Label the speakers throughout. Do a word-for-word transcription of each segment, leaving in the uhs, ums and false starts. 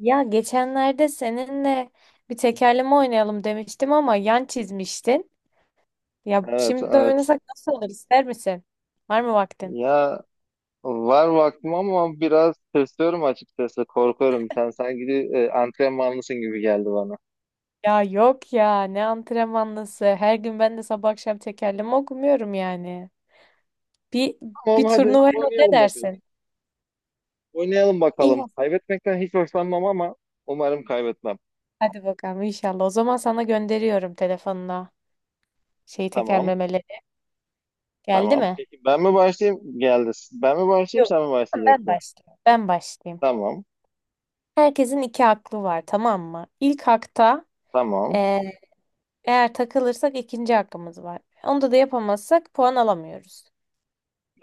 Speaker 1: Ya geçenlerde seninle bir tekerleme oynayalım demiştim ama yan çizmiştin. Ya
Speaker 2: Evet,
Speaker 1: şimdi
Speaker 2: evet.
Speaker 1: oynasak nasıl olur, ister misin? Var mı vaktin?
Speaker 2: Ya var vaktim ama biraz tırsıyorum açıkçası. Korkuyorum. Sen sanki e, antrenmanlısın gibi geldi bana.
Speaker 1: Ya yok ya, ne antrenmanlısı. Her gün ben de sabah akşam tekerleme okumuyorum yani. Bir
Speaker 2: Tamam,
Speaker 1: bir
Speaker 2: hadi
Speaker 1: turnuvaya ne
Speaker 2: oynayalım bakalım.
Speaker 1: dersin?
Speaker 2: Oynayalım
Speaker 1: İyi,
Speaker 2: bakalım. Kaybetmekten hiç hoşlanmam ama umarım kaybetmem.
Speaker 1: hadi bakalım inşallah. O zaman sana gönderiyorum telefonuna şeyi,
Speaker 2: Tamam,
Speaker 1: tekerlemeleri. Geldi
Speaker 2: tamam.
Speaker 1: mi?
Speaker 2: Peki ben mi başlayayım? Geldi. Ben mi başlayayım,
Speaker 1: Yok.
Speaker 2: sen mi
Speaker 1: Ben
Speaker 2: başlayacaksın?
Speaker 1: başlayayım. Ben başlayayım.
Speaker 2: Tamam,
Speaker 1: Herkesin iki aklı var, tamam mı? İlk hakta
Speaker 2: tamam.
Speaker 1: eğer takılırsak ikinci hakkımız var. Onda da yapamazsak puan alamıyoruz.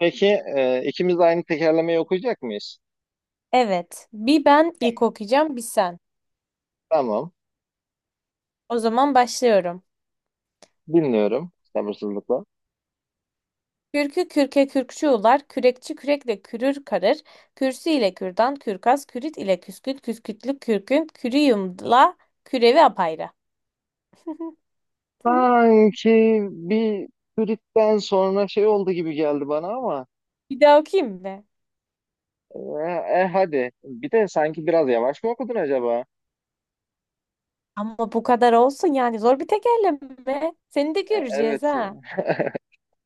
Speaker 2: Peki e, ikimiz de aynı tekerlemeyi okuyacak mıyız?
Speaker 1: Evet. Bir ben ilk
Speaker 2: Tamam,
Speaker 1: okuyacağım, bir sen.
Speaker 2: tamam.
Speaker 1: O zaman başlıyorum.
Speaker 2: Dinliyorum sabırsızlıkla.
Speaker 1: Kürkü kürke kürkçü ular, kürekçi kürekle kürür karır, kürsü ile kürdan, kürkas, kürit ile küsküt küskütlük kürkün, kürüyümla kürevi apayrı.
Speaker 2: Sanki bir Frit'ten sonra şey oldu gibi geldi bana ama
Speaker 1: Bir daha okuyayım mı?
Speaker 2: e, e, hadi. Bir de sanki biraz yavaş mı okudun acaba?
Speaker 1: Ama bu kadar olsun yani, zor bir tekerleme. Seni de
Speaker 2: E,
Speaker 1: göreceğiz
Speaker 2: evet.
Speaker 1: ha.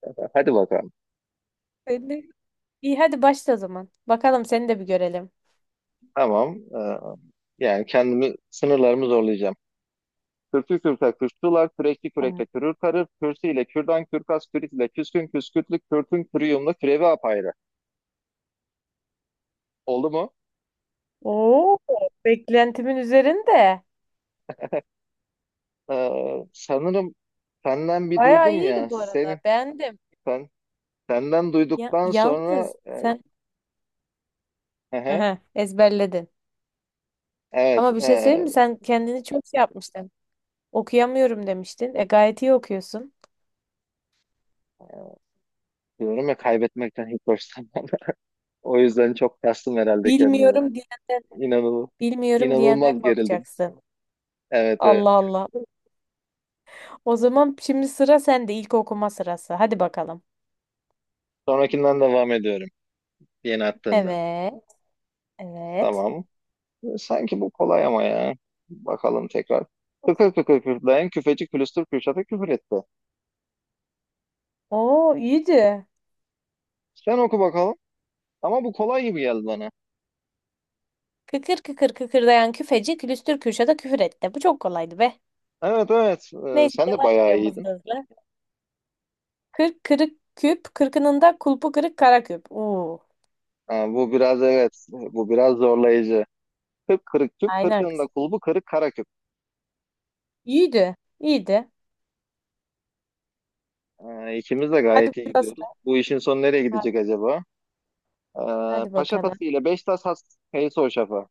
Speaker 2: Hadi bakalım.
Speaker 1: Seni de- İyi, hadi başla o zaman. Bakalım seni de bir görelim.
Speaker 2: Tamam. E, yani kendimi sınırlarımı zorlayacağım. Kürkü kürka kürkçüler, kürekli
Speaker 1: Tamam.
Speaker 2: kürekle kürür karır, kürsü ile kürdan, kürkas, kürit ile küskün, küskürtlü, kürtün, kürüyumlu, kürevi apayrı. Oldu mu?
Speaker 1: Oo, beklentimin üzerinde.
Speaker 2: E, sanırım senden bir
Speaker 1: Bayağı
Speaker 2: duydum
Speaker 1: iyiydi
Speaker 2: ya.
Speaker 1: bu arada.
Speaker 2: Senin,
Speaker 1: Beğendim.
Speaker 2: sen, senden
Speaker 1: Ya,
Speaker 2: duyduktan sonra
Speaker 1: yalnız
Speaker 2: e,
Speaker 1: sen
Speaker 2: hı hı.
Speaker 1: aha, ezberledin.
Speaker 2: Evet,
Speaker 1: Ama bir şey söyleyeyim
Speaker 2: eee,
Speaker 1: mi? Sen kendini çok şey yapmıştın. Okuyamıyorum demiştin. E, gayet iyi okuyorsun.
Speaker 2: diyorum ya kaybetmekten hiç hoşlanmam. O yüzden çok kastım herhalde kendimi.
Speaker 1: Bilmiyorum diyenden,
Speaker 2: İnanılmaz,
Speaker 1: bilmiyorum diyenden
Speaker 2: inanılmaz gerildim.
Speaker 1: korkacaksın.
Speaker 2: Evet,
Speaker 1: Allah
Speaker 2: evet.
Speaker 1: Allah. O zaman şimdi sıra sende. İlk okuma sırası. Hadi bakalım.
Speaker 2: Sonrakinden devam ediyorum. Yeni attığından.
Speaker 1: Evet. Evet.
Speaker 2: Tamam. Sanki bu kolay ama ya. Bakalım tekrar. Tıkır tıkır kürtleyen küfeci külüstür Kürşat'a küfür etti.
Speaker 1: Oo, iyiydi.
Speaker 2: Sen oku bakalım. Ama bu kolay gibi geldi bana.
Speaker 1: Kıkır kıkır kıkırdayan küfeci külüstür Kürşat'a küfür etti. Bu çok kolaydı be.
Speaker 2: Evet, evet. Eee,
Speaker 1: Neyse,
Speaker 2: sen de
Speaker 1: devam
Speaker 2: bayağı
Speaker 1: ediyorum hızlı
Speaker 2: iyiydin.
Speaker 1: hızlı. Kırk kırık küp, kırkınında kulpu kırık kara küp. Oo,
Speaker 2: Ha, bu biraz evet. Bu biraz zorlayıcı. Kırk kırık tüp,
Speaker 1: aynen
Speaker 2: kırkının da
Speaker 1: kız.
Speaker 2: kulbu kırık kara küp.
Speaker 1: İyiydi, iyiydi.
Speaker 2: Ee, ikimiz de
Speaker 1: Hadi
Speaker 2: gayet iyi
Speaker 1: burada
Speaker 2: gidiyoruz.
Speaker 1: sıra.
Speaker 2: Bu işin sonu nereye
Speaker 1: Ha,
Speaker 2: gidecek acaba? Ee,
Speaker 1: hadi
Speaker 2: Paşa
Speaker 1: bakalım.
Speaker 2: Tası ile Beşiktaş Has Kayısı Hoşaf'a.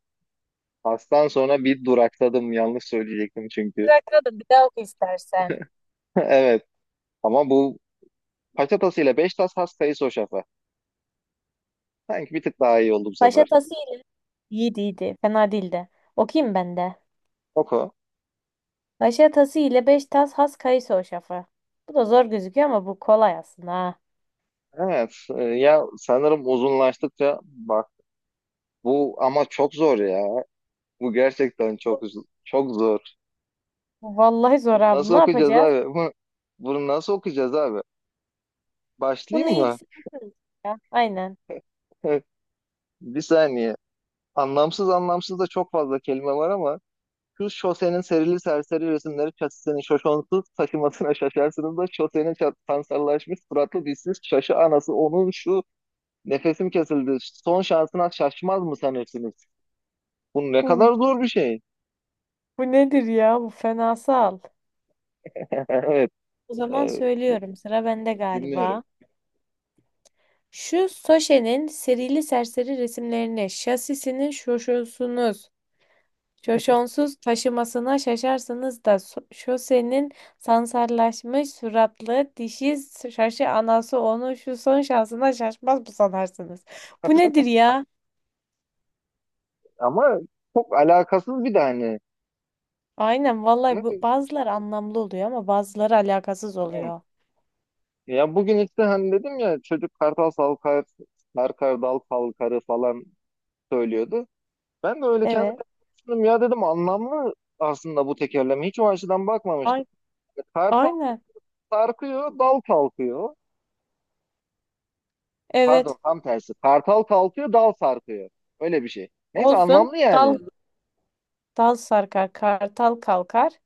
Speaker 2: Has'tan sonra bir durakladım. Yanlış söyleyecektim çünkü.
Speaker 1: Sıra da bir daha oku istersen.
Speaker 2: Evet. Ama bu Paşa Tası ile Beşiktaş Has Kayısı Hoşaf'a. Sanki bir tık daha iyi oldu bu
Speaker 1: Paşa
Speaker 2: sefer.
Speaker 1: tası ile. İyiydi, iyiydi. Fena değildi. Okuyayım ben de.
Speaker 2: Oku.
Speaker 1: Paşa tası ile beş tas has kayısı hoşafı. Bu da zor gözüküyor ama bu kolay aslında ha.
Speaker 2: Evet. Ee, ya sanırım uzunlaştıkça bak bu ama çok zor ya. Bu gerçekten çok uz- çok zor.
Speaker 1: Vallahi zor
Speaker 2: Bunu
Speaker 1: abi.
Speaker 2: nasıl
Speaker 1: Ne
Speaker 2: okuyacağız
Speaker 1: yapacağız?
Speaker 2: abi? Bu bunu nasıl okuyacağız abi?
Speaker 1: Bunu
Speaker 2: Başlayayım
Speaker 1: ilk
Speaker 2: mı?
Speaker 1: sen okursun ya. Aynen.
Speaker 2: Bir saniye. Anlamsız anlamsız da çok fazla kelime var ama şu şosenin serili serseri resimleri çatısının şoşonsuz taşımasına şaşarsınız da şosenin çat- sansarlaşmış suratlı dişsiz şaşı anası onun şu nefesim kesildi son şansına şaşmaz mı sanırsınız? Bu ne kadar
Speaker 1: Bu,
Speaker 2: zor bir şey.
Speaker 1: bu nedir ya? Bu fenasal.
Speaker 2: Evet,
Speaker 1: O zaman
Speaker 2: e,
Speaker 1: söylüyorum. Sıra bende
Speaker 2: bilmiyorum
Speaker 1: galiba. Şu Soşe'nin serili serseri resimlerini, şasisinin şoşosunuz, şoşonsuz taşımasına şaşarsınız da so- şosenin sansarlaşmış suratlı dişi şaşı anası onu şu son şansına şaşmaz mı sanarsınız? Bu nedir ya?
Speaker 2: ama çok alakasız bir de hani.
Speaker 1: Aynen vallahi, bu
Speaker 2: Evet,
Speaker 1: bazıları anlamlı oluyor ama bazıları alakasız
Speaker 2: evet.
Speaker 1: oluyor.
Speaker 2: Ya bugün işte hani dedim ya çocuk kartal salkar, sarkar dal falkarı falan söylüyordu. Ben de öyle kendime
Speaker 1: Evet.
Speaker 2: düşündüm ya, dedim anlamlı aslında bu tekerleme. Hiç o açıdan bakmamıştım.
Speaker 1: Ay-
Speaker 2: Kartal
Speaker 1: aynen.
Speaker 2: sarkıyor, dal kalkıyor. Pardon
Speaker 1: Evet.
Speaker 2: tam tersi. Kartal kalkıyor, dal sarkıyor. Öyle bir şey. Neyse,
Speaker 1: Olsun.
Speaker 2: anlamlı
Speaker 1: Dal
Speaker 2: yani.
Speaker 1: dal sarkar, kartal kalkar.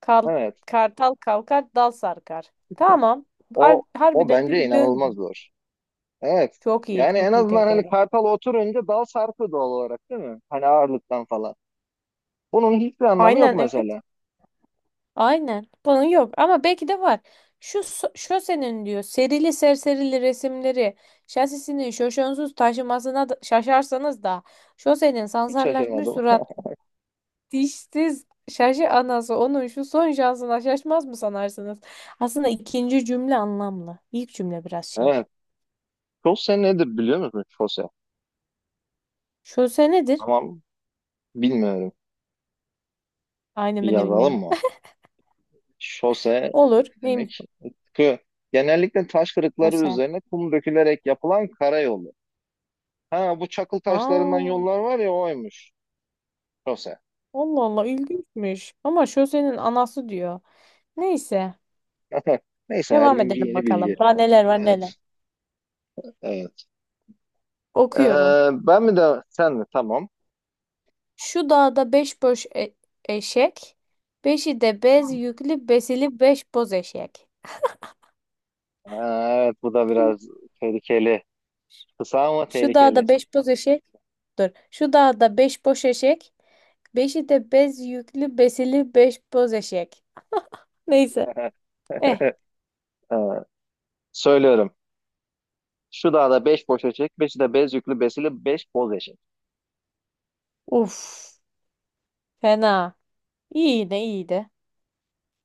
Speaker 1: Kal-
Speaker 2: Evet.
Speaker 1: kartal kalkar, dal sarkar. Tamam.
Speaker 2: O
Speaker 1: Har-
Speaker 2: o
Speaker 1: Harbiden de
Speaker 2: bence
Speaker 1: bir döngü.
Speaker 2: inanılmaz zor. Evet.
Speaker 1: Çok iyi,
Speaker 2: Yani en
Speaker 1: çok iyi
Speaker 2: azından hani
Speaker 1: tekeri.
Speaker 2: kartal oturunca dal sarkıyor doğal olarak değil mi? Hani ağırlıktan falan. Bunun hiçbir anlamı yok
Speaker 1: Aynen evet.
Speaker 2: mesela.
Speaker 1: Aynen. Bunun yok ama belki de var. Şu so- şosenin diyor serili serserili resimleri şasisini şoşonsuz taşımasına da- şaşarsanız da şosenin
Speaker 2: Hiç
Speaker 1: sansarlaşmış
Speaker 2: şaşırmadım.
Speaker 1: surat dişsiz şaşı anası onun şu son şansına şaşmaz mı sanarsınız? Aslında ikinci cümle anlamlı. İlk cümle biraz şey.
Speaker 2: Evet. Chose nedir biliyor musun? Chose.
Speaker 1: Şose nedir?
Speaker 2: Tamam. Bilmiyorum.
Speaker 1: Aynen,
Speaker 2: Bir
Speaker 1: ben de
Speaker 2: yazalım
Speaker 1: bilmiyorum.
Speaker 2: mı? Şose ne
Speaker 1: Olur. Neymiş
Speaker 2: demek?
Speaker 1: bu
Speaker 2: Kı. Genellikle taş kırıkları
Speaker 1: şose?
Speaker 2: üzerine kum dökülerek yapılan karayolu. Ha, bu çakıl taşlarından
Speaker 1: Aa,
Speaker 2: yollar var ya, oymuş. Şose.
Speaker 1: Allah Allah, ilginçmiş. Ama şosenin anası diyor. Neyse.
Speaker 2: Neyse, her
Speaker 1: Devam
Speaker 2: gün bir
Speaker 1: edelim
Speaker 2: yeni bilgi.
Speaker 1: bakalım. Daha neler var
Speaker 2: Evet,
Speaker 1: neler.
Speaker 2: evet.
Speaker 1: Okuyorum.
Speaker 2: Ee, ben mi de sen mi? Tamam.
Speaker 1: Şu dağda beş boş e- eşek. Beşi de bez yüklü besili beş boz eşek.
Speaker 2: Ee, evet, bu da biraz tehlikeli. Kısa ama
Speaker 1: Şu
Speaker 2: tehlikeli.
Speaker 1: dağda beş boz eşek. Dur. Şu dağda beş boş eşek. Beşi de bez yüklü besili beş boz eşek. Neyse. Eh.
Speaker 2: Ee, söylüyorum. Şu dağda beş boş eşek, beşi de bez yüklü, besili beş boz eşek.
Speaker 1: Uf. Fena. İyiydi iyiydi.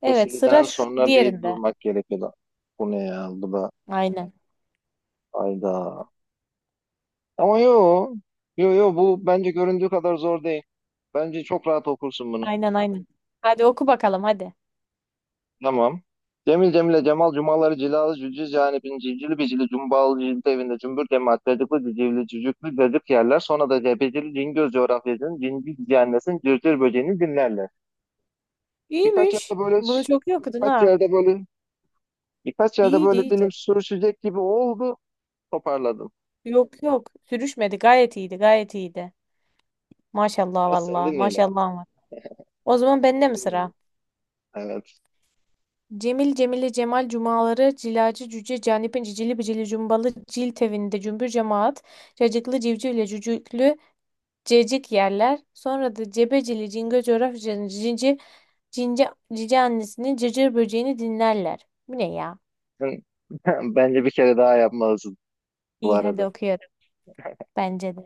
Speaker 1: Evet, sıra
Speaker 2: Besiliden
Speaker 1: şu,
Speaker 2: sonra bir
Speaker 1: diğerinde.
Speaker 2: durmak gerekiyor da. Bu ne ya? Bu da
Speaker 1: Aynen.
Speaker 2: ayda. Ama yo, yo yo bu bence göründüğü kadar zor değil. Bence çok rahat okursun bunu.
Speaker 1: Aynen aynen. Hadi oku bakalım hadi.
Speaker 2: Tamam. Cemil Cemile Cemal Cumaları Cilalı Cücüz yani bin civcili bicili cumbalı cildi evinde cümbür cemaat cacıklı cicivli cücüklü cacık yerler, sonra da cebecili cingöz coğrafyacının cinci cihannesin cırcır böceğini dinlerler. Birkaç yerde
Speaker 1: İyiymiş.
Speaker 2: böyle
Speaker 1: Bunu çok iyi okudun
Speaker 2: birkaç
Speaker 1: ha.
Speaker 2: yerde böyle birkaç yerde
Speaker 1: İyiydi
Speaker 2: böyle dilim
Speaker 1: iyiydi.
Speaker 2: sürüşecek gibi oldu, toparladım.
Speaker 1: Yok yok. Sürüşmedi. Gayet iyiydi. Gayet iyiydi. Maşallah
Speaker 2: Evet, seni
Speaker 1: valla.
Speaker 2: dinleyelim.
Speaker 1: Maşallah var. O zaman bende mi sıra?
Speaker 2: Dinleyelim. Evet.
Speaker 1: Cemil Cemile Cemal Cumaları Cilacı Cüce Canip'in cicili bicili cumbalı cil tevinde cümbür cemaat cacıklı civcivle cücüklü cecik yerler, sonra da cebecili Cingöz coğrafyacının cinci cince, cici annesinin cırcır böceğini dinlerler. Bu ne ya?
Speaker 2: Sen- Bence bir kere daha yapmalısın bu
Speaker 1: İyi, hadi
Speaker 2: arada.
Speaker 1: okuyorum. Bence de.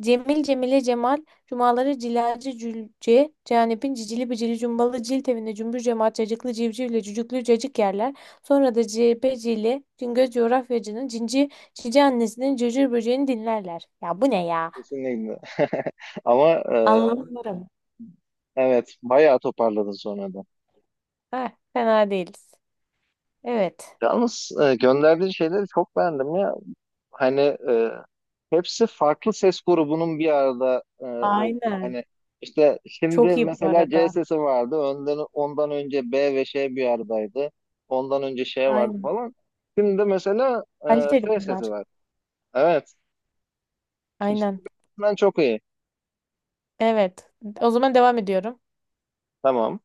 Speaker 1: Cemil Cemile Cemal Cumaları Cilacı Cülce Canip'in cicili bicili cumbalı cilt evinde cümbür cemaat cacıklı civcivle cücüklü cacık yerler. Sonra da cebecili Cingöz coğrafyacının cinci cici annesinin cırcır böceğini dinlerler. Ya bu ne ya?
Speaker 2: Kesinlikle. Ama e,
Speaker 1: Anlamıyorum.
Speaker 2: evet, bayağı toparladın sonra da.
Speaker 1: Heh, fena değiliz. Evet.
Speaker 2: Yalnız e, gönderdiğin şeyleri çok beğendim ya. Hani e, hepsi farklı ses grubunun bir arada e, oldu.
Speaker 1: Aynen.
Speaker 2: Hani işte
Speaker 1: Çok
Speaker 2: şimdi
Speaker 1: iyi bu
Speaker 2: mesela C
Speaker 1: arada.
Speaker 2: sesi vardı. Önden, ondan önce B ve Ş bir aradaydı. Ondan önce Ş vardı
Speaker 1: Aynen.
Speaker 2: falan. Şimdi de mesela e,
Speaker 1: Kaliteli
Speaker 2: F sesi
Speaker 1: bunlar.
Speaker 2: var. Evet.
Speaker 1: Aynen.
Speaker 2: Ben çok iyi.
Speaker 1: Evet. O zaman devam ediyorum.
Speaker 2: Tamam.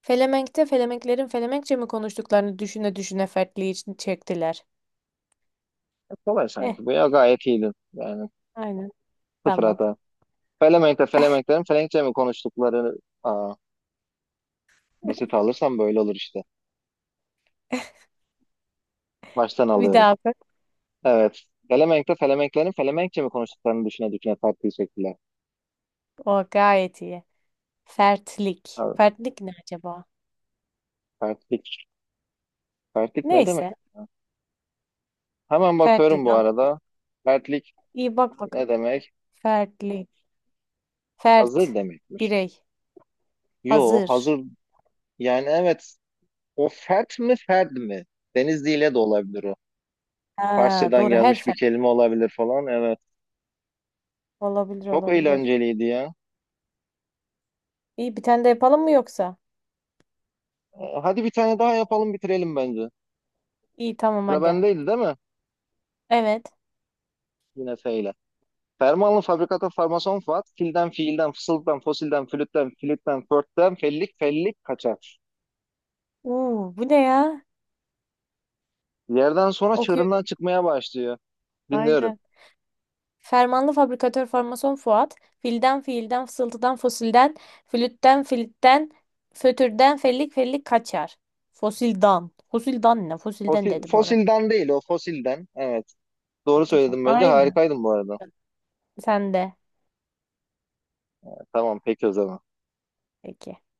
Speaker 1: Felemenk'te Felemenklerin Felemenkçe mi konuştuklarını düşüne düşüne fertliği için çektiler.
Speaker 2: E, kolay
Speaker 1: Eh,
Speaker 2: sanki. Bu ya, gayet iyiydin. Yani
Speaker 1: aynen.
Speaker 2: sıfır
Speaker 1: Tamam.
Speaker 2: hata. Felemenk'te Felemenklerin Felenkçe mi konuştukları, aa, basit alırsam böyle olur işte. Baştan
Speaker 1: Bir
Speaker 2: alıyorum.
Speaker 1: daha bak.
Speaker 2: Evet. Felemenk'te Felemenklerin Felemenkçe mi konuştuklarını düşüne düşüne tartıyı çektiler.
Speaker 1: O gayet iyi. Fertlik.
Speaker 2: Abi,
Speaker 1: Fertlik ne acaba?
Speaker 2: Fertlik. Fertlik ne demek
Speaker 1: Neyse.
Speaker 2: ya? Hemen bakıyorum
Speaker 1: Fertlik.
Speaker 2: bu
Speaker 1: Al.
Speaker 2: arada. Fertlik
Speaker 1: İyi, bak bak.
Speaker 2: ne demek?
Speaker 1: Fertlik.
Speaker 2: Hazır
Speaker 1: Fert.
Speaker 2: demekmiş.
Speaker 1: Birey.
Speaker 2: Yo,
Speaker 1: Hazır.
Speaker 2: hazır yani, evet. O fert mi, ferd mi? Denizli ile de olabilir o.
Speaker 1: Ha,
Speaker 2: Farsçadan
Speaker 1: doğru. Her
Speaker 2: gelmiş bir
Speaker 1: fert.
Speaker 2: kelime olabilir falan. Evet.
Speaker 1: Olabilir
Speaker 2: Çok
Speaker 1: olabilir.
Speaker 2: eğlenceliydi ya.
Speaker 1: İyi, bir tane de yapalım mı yoksa?
Speaker 2: Ee, Hadi bir tane daha yapalım, bitirelim bence.
Speaker 1: İyi tamam,
Speaker 2: Sıra
Speaker 1: hadi.
Speaker 2: bendeydi değil mi?
Speaker 1: Evet.
Speaker 2: Yine F ile. Fermanlı fabrikata farmason Fuat, filden fiilden, fısıldan, fosilden, flütten, flütten, förtten, fellik, fellik kaçar.
Speaker 1: Uu, bu ne ya?
Speaker 2: Yerden sonra
Speaker 1: Okuyorum.
Speaker 2: çığırından çıkmaya başlıyor. Dinliyorum.
Speaker 1: Aynen. Fermanlı fabrikatör formason Fuat, filden fiilden, fısıltıdan fosilden, flütten filitten, fötürden fellik fellik kaçar. Fosildan. Fosildan ne? Fosilden
Speaker 2: Fosil,
Speaker 1: dedi bu arada.
Speaker 2: fosilden değil o, fosilden. Evet. Doğru
Speaker 1: Fısıltıdan.
Speaker 2: söyledim bence.
Speaker 1: Aynen.
Speaker 2: Harikaydın bu arada.
Speaker 1: Sen de.
Speaker 2: Tamam, peki o zaman.
Speaker 1: Peki.